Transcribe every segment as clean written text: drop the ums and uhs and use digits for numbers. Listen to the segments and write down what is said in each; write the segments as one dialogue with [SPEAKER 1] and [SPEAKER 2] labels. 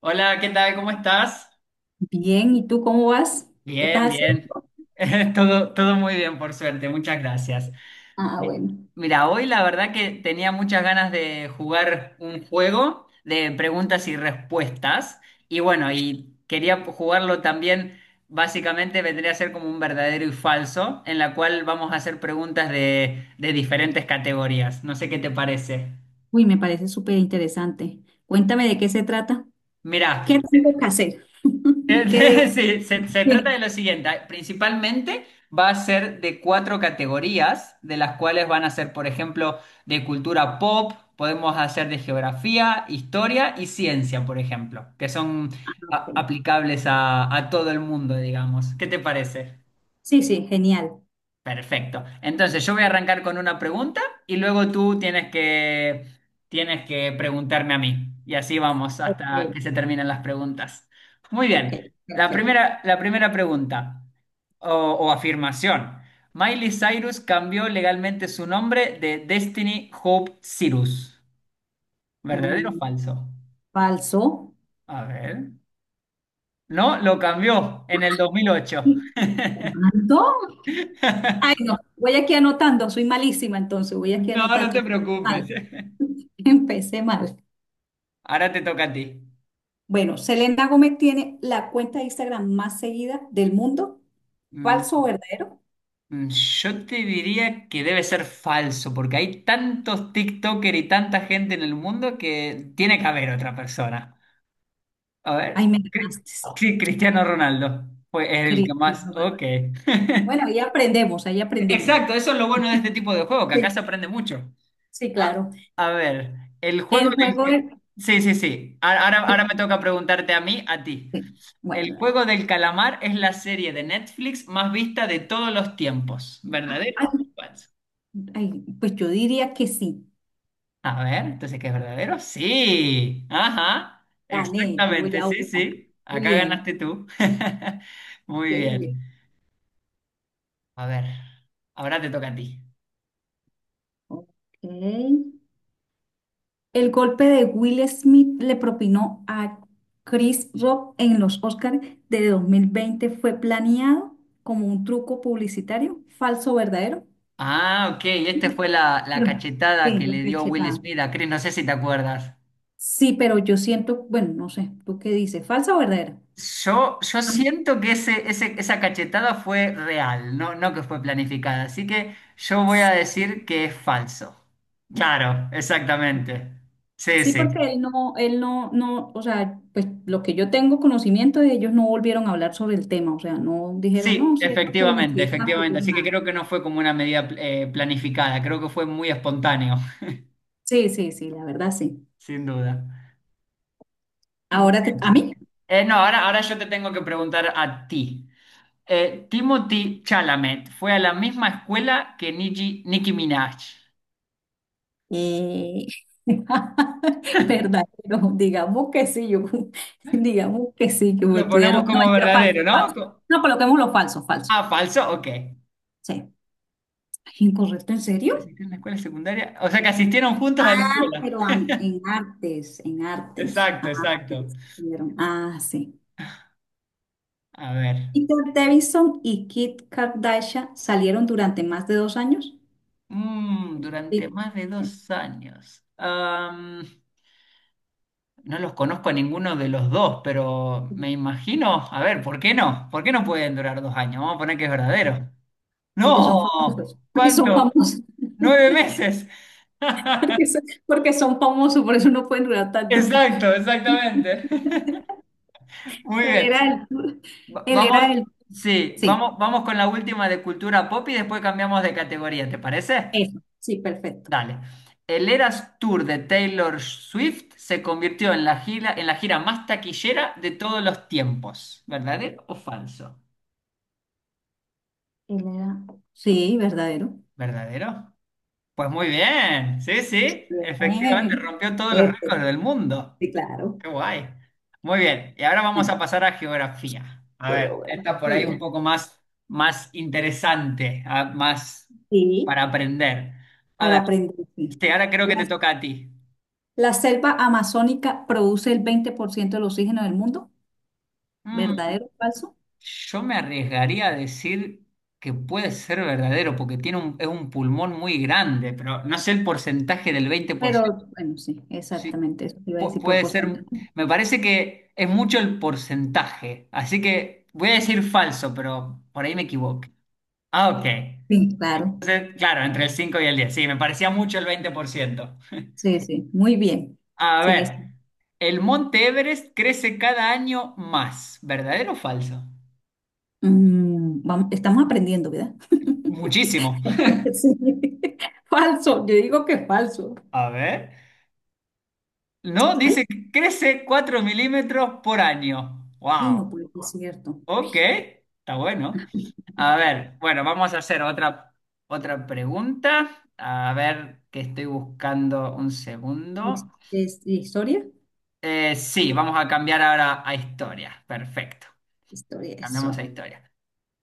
[SPEAKER 1] Hola, ¿qué tal? ¿Cómo estás?
[SPEAKER 2] Bien, ¿y tú cómo vas? ¿Qué
[SPEAKER 1] Bien,
[SPEAKER 2] estás
[SPEAKER 1] bien.
[SPEAKER 2] haciendo?
[SPEAKER 1] Todo, todo muy bien, por suerte. Muchas gracias.
[SPEAKER 2] Ah,
[SPEAKER 1] Mi-
[SPEAKER 2] bueno.
[SPEAKER 1] Mira, hoy la verdad que tenía muchas ganas de jugar un juego de preguntas y respuestas. Y bueno, y quería jugarlo también, básicamente vendría a ser como un verdadero y falso, en la cual vamos a hacer preguntas de diferentes categorías. No sé qué te parece.
[SPEAKER 2] Uy, me parece súper interesante. Cuéntame de qué se trata.
[SPEAKER 1] Mira,
[SPEAKER 2] ¿Qué tengo que hacer? ¿Qué debo?
[SPEAKER 1] Sí, se trata de
[SPEAKER 2] Sí,
[SPEAKER 1] lo siguiente. Principalmente va a ser de cuatro categorías, de las cuales van a ser, por ejemplo, de cultura pop, podemos hacer de geografía, historia y ciencia, por ejemplo, que son aplicables a todo el mundo, digamos. ¿Qué te parece?
[SPEAKER 2] sí, sí, genial.
[SPEAKER 1] Perfecto. Entonces, yo voy a arrancar con una pregunta y luego tú tienes que preguntarme a mí. Y así vamos
[SPEAKER 2] Ok,
[SPEAKER 1] hasta que se terminen las preguntas. Muy
[SPEAKER 2] ok,
[SPEAKER 1] bien. La
[SPEAKER 2] perfecto.
[SPEAKER 1] primera, la primera pregunta o afirmación. Miley Cyrus cambió legalmente su nombre de Destiny Hope Cyrus. ¿Verdadero o
[SPEAKER 2] Mm,
[SPEAKER 1] falso?
[SPEAKER 2] falso.
[SPEAKER 1] A ver. No, lo cambió en el 2008.
[SPEAKER 2] ¿Cuánto? Ay, no, voy aquí anotando, soy malísima entonces, voy aquí
[SPEAKER 1] No,
[SPEAKER 2] anotando.
[SPEAKER 1] no te
[SPEAKER 2] Empecé
[SPEAKER 1] preocupes.
[SPEAKER 2] mal. Empecé mal.
[SPEAKER 1] Ahora te toca a ti.
[SPEAKER 2] Bueno, Selena Gómez tiene la cuenta de Instagram más seguida del mundo.
[SPEAKER 1] Mm.
[SPEAKER 2] ¿Falso o verdadero?
[SPEAKER 1] Yo te diría que debe ser falso, porque hay tantos TikToker y tanta gente en el mundo que tiene que haber otra persona. A
[SPEAKER 2] Ay,
[SPEAKER 1] ver,
[SPEAKER 2] me ganaste.
[SPEAKER 1] Sí, Cristiano Ronaldo fue el que más.
[SPEAKER 2] Cristiano Ronaldo.
[SPEAKER 1] Ok.
[SPEAKER 2] Bueno, ahí aprendemos, ahí aprendemos.
[SPEAKER 1] Exacto, eso es lo bueno de este tipo de juego, que acá
[SPEAKER 2] Sí,
[SPEAKER 1] se aprende mucho.
[SPEAKER 2] sí,
[SPEAKER 1] A,
[SPEAKER 2] claro.
[SPEAKER 1] a ver, el juego
[SPEAKER 2] El
[SPEAKER 1] del
[SPEAKER 2] juego
[SPEAKER 1] ca-.
[SPEAKER 2] es...
[SPEAKER 1] Sí, sí, sí. Ahora me
[SPEAKER 2] que-
[SPEAKER 1] toca preguntarte a mí, a ti.
[SPEAKER 2] Sí, bueno,
[SPEAKER 1] El
[SPEAKER 2] dale.
[SPEAKER 1] juego del calamar es la serie de Netflix más vista de todos los tiempos, ¿verdadero
[SPEAKER 2] Ay,
[SPEAKER 1] o falso?
[SPEAKER 2] ay, pues yo diría que sí.
[SPEAKER 1] A ver, entonces, ¿qué es verdadero? Sí. Ajá.
[SPEAKER 2] Gané, yo voy
[SPEAKER 1] Exactamente,
[SPEAKER 2] a
[SPEAKER 1] sí,
[SPEAKER 2] una.
[SPEAKER 1] sí.
[SPEAKER 2] Qué
[SPEAKER 1] Acá
[SPEAKER 2] bien,
[SPEAKER 1] ganaste tú. Muy
[SPEAKER 2] qué bien.
[SPEAKER 1] bien. A ver, ahora te toca a ti.
[SPEAKER 2] Ok. El golpe de Will Smith le propinó a Chris Rock en los Oscars de 2020 fue planeado como un truco publicitario, falso, verdadero.
[SPEAKER 1] Ah, ok. Esta fue la
[SPEAKER 2] Pero,
[SPEAKER 1] cachetada
[SPEAKER 2] sí,
[SPEAKER 1] que
[SPEAKER 2] la
[SPEAKER 1] le dio Will
[SPEAKER 2] cachetada.
[SPEAKER 1] Smith a Chris. No sé si te acuerdas.
[SPEAKER 2] Sí, pero yo siento, bueno, no sé, ¿tú qué dices? ¿Falsa o verdadera?
[SPEAKER 1] Yo
[SPEAKER 2] Ah,
[SPEAKER 1] siento que esa cachetada fue real, no, no que fue planificada. Así que yo voy a decir que es falso. Claro, exactamente. Sí,
[SPEAKER 2] sí,
[SPEAKER 1] sí.
[SPEAKER 2] porque él no, no, o sea, pues lo que yo tengo conocimiento de ellos no volvieron a hablar sobre el tema, o sea, no dijeron,
[SPEAKER 1] Sí,
[SPEAKER 2] no, sí, es
[SPEAKER 1] efectivamente,
[SPEAKER 2] publicidad,
[SPEAKER 1] efectivamente.
[SPEAKER 2] futuro,
[SPEAKER 1] Así que
[SPEAKER 2] nada.
[SPEAKER 1] creo que no fue como una medida planificada, creo que fue muy espontáneo,
[SPEAKER 2] Sí, sí, sí, la verdad sí.
[SPEAKER 1] sin duda. Muy
[SPEAKER 2] Ahora a
[SPEAKER 1] bien.
[SPEAKER 2] mí,
[SPEAKER 1] No, ahora yo te tengo que preguntar a ti. Timothy Chalamet fue a la misma escuela que Nicki Minaj.
[SPEAKER 2] eh, verdadero, digamos que sí, yo, digamos que sí, que me
[SPEAKER 1] Lo
[SPEAKER 2] estudiaron,
[SPEAKER 1] ponemos
[SPEAKER 2] no,
[SPEAKER 1] como
[SPEAKER 2] mentira, falso,
[SPEAKER 1] verdadero, ¿no?
[SPEAKER 2] falso. No, coloquemos lo falso, falso.
[SPEAKER 1] Ah, falso, ok.
[SPEAKER 2] Sí. Ay, ¿incorrecto, en serio?
[SPEAKER 1] ¿Asistieron a la escuela secundaria? O sea que asistieron juntas a la
[SPEAKER 2] Ah,
[SPEAKER 1] escuela.
[SPEAKER 2] pero en artes,
[SPEAKER 1] Exacto, exacto.
[SPEAKER 2] artes salieron. Ah, sí.
[SPEAKER 1] A ver.
[SPEAKER 2] Peter Davison y Kit Kardashian salieron durante más de 2 años.
[SPEAKER 1] Durante
[SPEAKER 2] Sí.
[SPEAKER 1] más de 2 años. No los conozco a ninguno de los dos, pero me imagino, a ver, ¿por qué no? ¿Por qué no pueden durar 2 años? Vamos a poner que es verdadero.
[SPEAKER 2] Porque son famosos.
[SPEAKER 1] No,
[SPEAKER 2] Porque son
[SPEAKER 1] ¿cuánto?
[SPEAKER 2] famosos.
[SPEAKER 1] 9 meses.
[SPEAKER 2] Porque son, porque son famosos, por eso no pueden durar tanto.
[SPEAKER 1] Exacto, exactamente. Muy
[SPEAKER 2] Él
[SPEAKER 1] bien.
[SPEAKER 2] era el,
[SPEAKER 1] Va-
[SPEAKER 2] él era
[SPEAKER 1] Vamos,
[SPEAKER 2] el,
[SPEAKER 1] sí,
[SPEAKER 2] sí,
[SPEAKER 1] vamos con la última de cultura pop y después cambiamos de categoría, ¿te parece?
[SPEAKER 2] eso, sí, perfecto.
[SPEAKER 1] Dale. El Eras Tour de Taylor Swift se convirtió en la gira más taquillera de todos los tiempos. ¿Verdadero o falso?
[SPEAKER 2] Él era, sí, verdadero.
[SPEAKER 1] ¿Verdadero? Pues muy bien. Sí, sí. Efectivamente,
[SPEAKER 2] Bien.
[SPEAKER 1] rompió todos los
[SPEAKER 2] Perfecto,
[SPEAKER 1] récords del mundo.
[SPEAKER 2] sí, claro.
[SPEAKER 1] Qué guay. Muy bien. Y ahora vamos
[SPEAKER 2] Bueno,
[SPEAKER 1] a pasar a geografía. A ver, esta por ahí un
[SPEAKER 2] geografía.
[SPEAKER 1] poco más interesante, ah, más para
[SPEAKER 2] Sí.
[SPEAKER 1] aprender. A
[SPEAKER 2] Para
[SPEAKER 1] ver,
[SPEAKER 2] aprenderse.
[SPEAKER 1] sí, ahora creo que
[SPEAKER 2] La,
[SPEAKER 1] te toca a ti.
[SPEAKER 2] la selva amazónica produce el 20% del oxígeno del mundo,
[SPEAKER 1] Mm,
[SPEAKER 2] ¿verdadero o falso?
[SPEAKER 1] Yo me arriesgaría a decir que puede ser verdadero, porque tiene es un pulmón muy grande, pero no sé el porcentaje del 20%.
[SPEAKER 2] Pero bueno, sí,
[SPEAKER 1] Sí,
[SPEAKER 2] exactamente, eso te iba a decir por
[SPEAKER 1] puede ser,
[SPEAKER 2] porcentaje.
[SPEAKER 1] me parece que es mucho el porcentaje, así que voy a decir falso, pero por ahí me equivoco. Ah, ok.
[SPEAKER 2] Sí, claro,
[SPEAKER 1] Entonces, claro, entre el 5 y el 10. Sí, me parecía mucho el 20%.
[SPEAKER 2] sí, sí, muy bien.
[SPEAKER 1] A
[SPEAKER 2] Sigue, sí.
[SPEAKER 1] ver, el monte Everest crece cada año más. ¿Verdadero o falso?
[SPEAKER 2] Mm, vamos, estamos aprendiendo, ¿verdad?
[SPEAKER 1] Muchísimo.
[SPEAKER 2] Sí. Falso, yo digo que es falso.
[SPEAKER 1] A ver. No,
[SPEAKER 2] Ay,
[SPEAKER 1] dice que crece 4 milímetros por año.
[SPEAKER 2] ay, no
[SPEAKER 1] Wow.
[SPEAKER 2] puede ser cierto.
[SPEAKER 1] Ok, está bueno. A ver, bueno, vamos a hacer otra pregunta. A ver, que estoy buscando un
[SPEAKER 2] ¿Es,
[SPEAKER 1] segundo.
[SPEAKER 2] es historia?
[SPEAKER 1] Sí, vamos a cambiar ahora a historia. Perfecto.
[SPEAKER 2] Historia,
[SPEAKER 1] Cambiamos a
[SPEAKER 2] eso.
[SPEAKER 1] historia.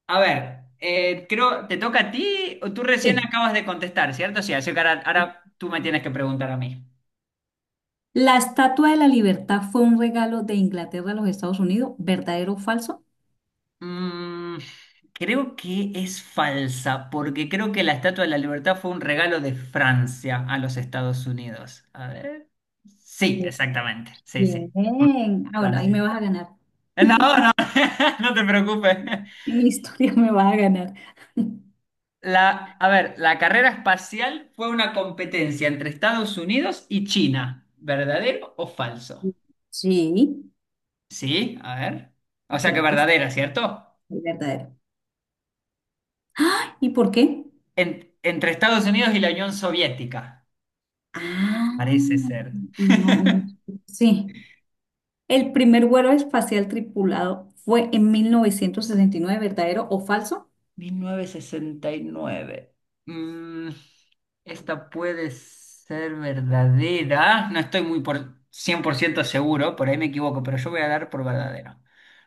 [SPEAKER 1] A ver, creo, ¿te toca a ti o tú recién
[SPEAKER 2] Sí.
[SPEAKER 1] acabas de contestar, cierto? Sí, así que ahora, ahora tú me tienes que preguntar a mí.
[SPEAKER 2] La Estatua de la Libertad fue un regalo de Inglaterra a los Estados Unidos, ¿verdadero o falso?
[SPEAKER 1] Mm, creo que es falsa, porque creo que la Estatua de la Libertad fue un regalo de Francia a los Estados Unidos. A ver. Sí,
[SPEAKER 2] Muy
[SPEAKER 1] exactamente. Sí, sí.
[SPEAKER 2] bien. Ah, bueno, ahí
[SPEAKER 1] Francia.
[SPEAKER 2] me vas a ganar.
[SPEAKER 1] No, no, no te preocupes.
[SPEAKER 2] En historia me vas a ganar.
[SPEAKER 1] A ver, la carrera espacial fue una competencia entre Estados Unidos y China. ¿Verdadero o falso?
[SPEAKER 2] Sí,
[SPEAKER 1] Sí, a ver. O sea que
[SPEAKER 2] creo que es
[SPEAKER 1] verdadera, ¿cierto?
[SPEAKER 2] verdadero. ¿Y por qué?
[SPEAKER 1] Entre Estados Unidos y la Unión Soviética.
[SPEAKER 2] Ah,
[SPEAKER 1] Parece ser.
[SPEAKER 2] no, no, sí. El primer vuelo espacial tripulado fue en 1969, ¿verdadero o falso?
[SPEAKER 1] 1969. Mm, esta puede ser verdadera. No estoy muy por 100% seguro, por ahí me equivoco, pero yo voy a dar por verdadero.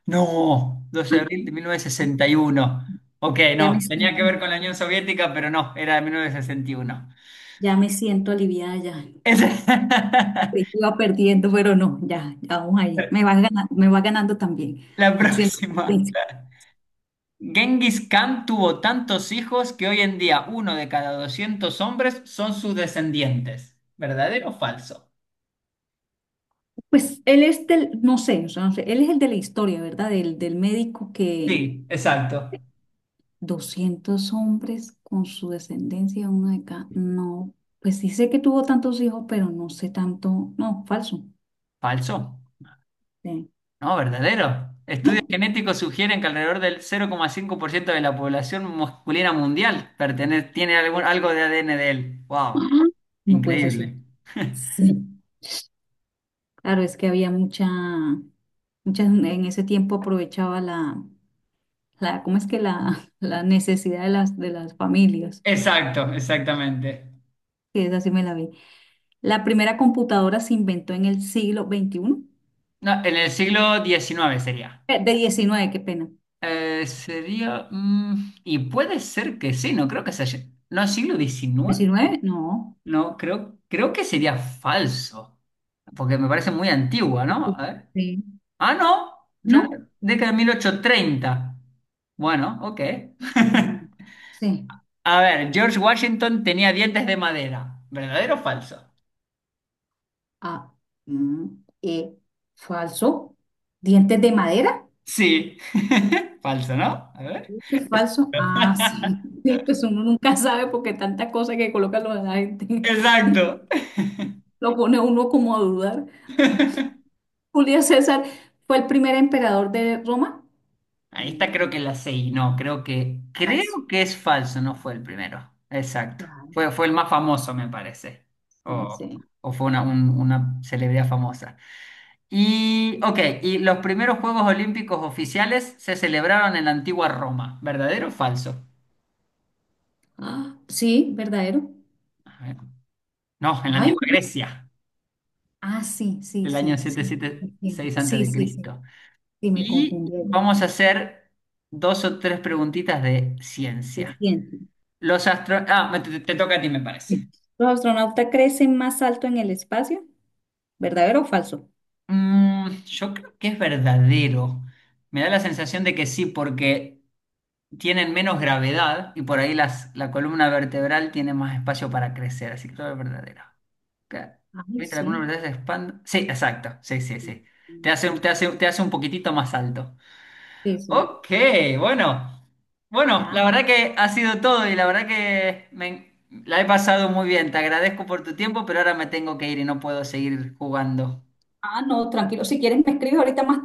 [SPEAKER 1] No, doce de abril de mil novecientos
[SPEAKER 2] Bueno,
[SPEAKER 1] sesenta y uno Ok,
[SPEAKER 2] ya me
[SPEAKER 1] no, tenía que
[SPEAKER 2] siento,
[SPEAKER 1] ver con la Unión Soviética, pero no, era de 1961.
[SPEAKER 2] ya me siento aliviada ya.
[SPEAKER 1] Es-
[SPEAKER 2] Creí que iba perdiendo, pero no, ya vamos ahí. Me va ganando también,
[SPEAKER 1] La
[SPEAKER 2] haciendo
[SPEAKER 1] próxima.
[SPEAKER 2] competencia.
[SPEAKER 1] Genghis Khan tuvo tantos hijos que hoy en día uno de cada 200 hombres son sus descendientes. ¿Verdadero o falso?
[SPEAKER 2] Pues él es del, no sé, o sea, no sé, él es el de la historia, ¿verdad? Del médico que
[SPEAKER 1] Sí, exacto.
[SPEAKER 2] 200 hombres con su descendencia, uno de cada no, pues sí sé que tuvo tantos hijos, pero no sé tanto, no, falso.
[SPEAKER 1] Falso.
[SPEAKER 2] Sí.
[SPEAKER 1] No, verdadero.
[SPEAKER 2] Ay,
[SPEAKER 1] Estudios genéticos sugieren que alrededor del 0,5% de la población masculina mundial tiene algún, algo de ADN de él. ¡Wow!
[SPEAKER 2] ah, no puede ser
[SPEAKER 1] Increíble.
[SPEAKER 2] cierto. Sí. Claro, es que había mucha, muchas, en ese tiempo aprovechaba la, ¿cómo es que la, la necesidad de las familias?
[SPEAKER 1] Exacto, exactamente.
[SPEAKER 2] Que esa sí me la vi. La primera computadora se inventó en el siglo XXI,
[SPEAKER 1] No, en el siglo XIX sería.
[SPEAKER 2] de diecinueve, qué pena.
[SPEAKER 1] Sería. Y puede ser que sí, no creo que sea. No, siglo XIX.
[SPEAKER 2] Diecinueve. No.
[SPEAKER 1] No, creo que sería falso. Porque me parece muy antigua, ¿no? A ver.
[SPEAKER 2] Sí.
[SPEAKER 1] Ah, no, ya-
[SPEAKER 2] ¿No?
[SPEAKER 1] década de 1830. Bueno, ok.
[SPEAKER 2] Mm, sí.
[SPEAKER 1] A ver, George Washington tenía dientes de madera. ¿Verdadero o falso?
[SPEAKER 2] Ah, mm, eh, falso. ¿Dientes de madera?
[SPEAKER 1] Sí. Falso, ¿no? A ver.
[SPEAKER 2] ¿Qué falso? Ah, sí. Sí, pues uno nunca sabe porque tanta cosa que coloca lo de la gente
[SPEAKER 1] Exacto.
[SPEAKER 2] lo pone uno como a dudar. Julio César fue el primer emperador de Roma.
[SPEAKER 1] Ahí está,
[SPEAKER 2] Mm,
[SPEAKER 1] creo que la 6. No, creo que.
[SPEAKER 2] paso.
[SPEAKER 1] Creo que es falso, no fue el primero. Exacto.
[SPEAKER 2] Ah,
[SPEAKER 1] Fue el más famoso, me parece. O,
[SPEAKER 2] pensé.
[SPEAKER 1] o fue una celebridad famosa. Y, ok, y los primeros Juegos Olímpicos oficiales se celebraron en la antigua Roma. ¿Verdadero o falso?
[SPEAKER 2] Ah, sí, verdadero.
[SPEAKER 1] A ver. No, en la
[SPEAKER 2] Ay,
[SPEAKER 1] antigua
[SPEAKER 2] no.
[SPEAKER 1] Grecia,
[SPEAKER 2] Ah, sí, sí,
[SPEAKER 1] del año
[SPEAKER 2] sí, sí. Entiendo.
[SPEAKER 1] 776
[SPEAKER 2] Sí, sí, sí.
[SPEAKER 1] a.C.
[SPEAKER 2] Sí,
[SPEAKER 1] Y
[SPEAKER 2] me
[SPEAKER 1] seis antes de Cristo.
[SPEAKER 2] confundí.
[SPEAKER 1] Y vamos a hacer dos o tres preguntitas de
[SPEAKER 2] Se
[SPEAKER 1] ciencia.
[SPEAKER 2] siente.
[SPEAKER 1] Los astro-. Ah, te toca a ti, me parece.
[SPEAKER 2] ¿Los astronautas crecen más alto en el espacio? ¿Verdadero o falso?
[SPEAKER 1] Yo creo que es verdadero. Me da la sensación de que sí, porque tienen menos gravedad y por ahí la columna vertebral tiene más espacio para crecer, así que todo es verdadero. Ca-.
[SPEAKER 2] Ay,
[SPEAKER 1] ¿Viste? La columna
[SPEAKER 2] sí.
[SPEAKER 1] vertebral se expande. Sí, exacto. Sí, sí, sí. Te
[SPEAKER 2] Sí,
[SPEAKER 1] hace,
[SPEAKER 2] sí.
[SPEAKER 1] te hace, te hace un poquitito más alto.
[SPEAKER 2] Sí, sí.
[SPEAKER 1] Ok, bueno. Bueno, la
[SPEAKER 2] Ya.
[SPEAKER 1] verdad que ha sido todo y la verdad que la he pasado muy bien. Te agradezco por tu tiempo, pero ahora me tengo que ir y no puedo seguir jugando.
[SPEAKER 2] Ah, no, tranquilo. Si quieres, me escribes ahorita más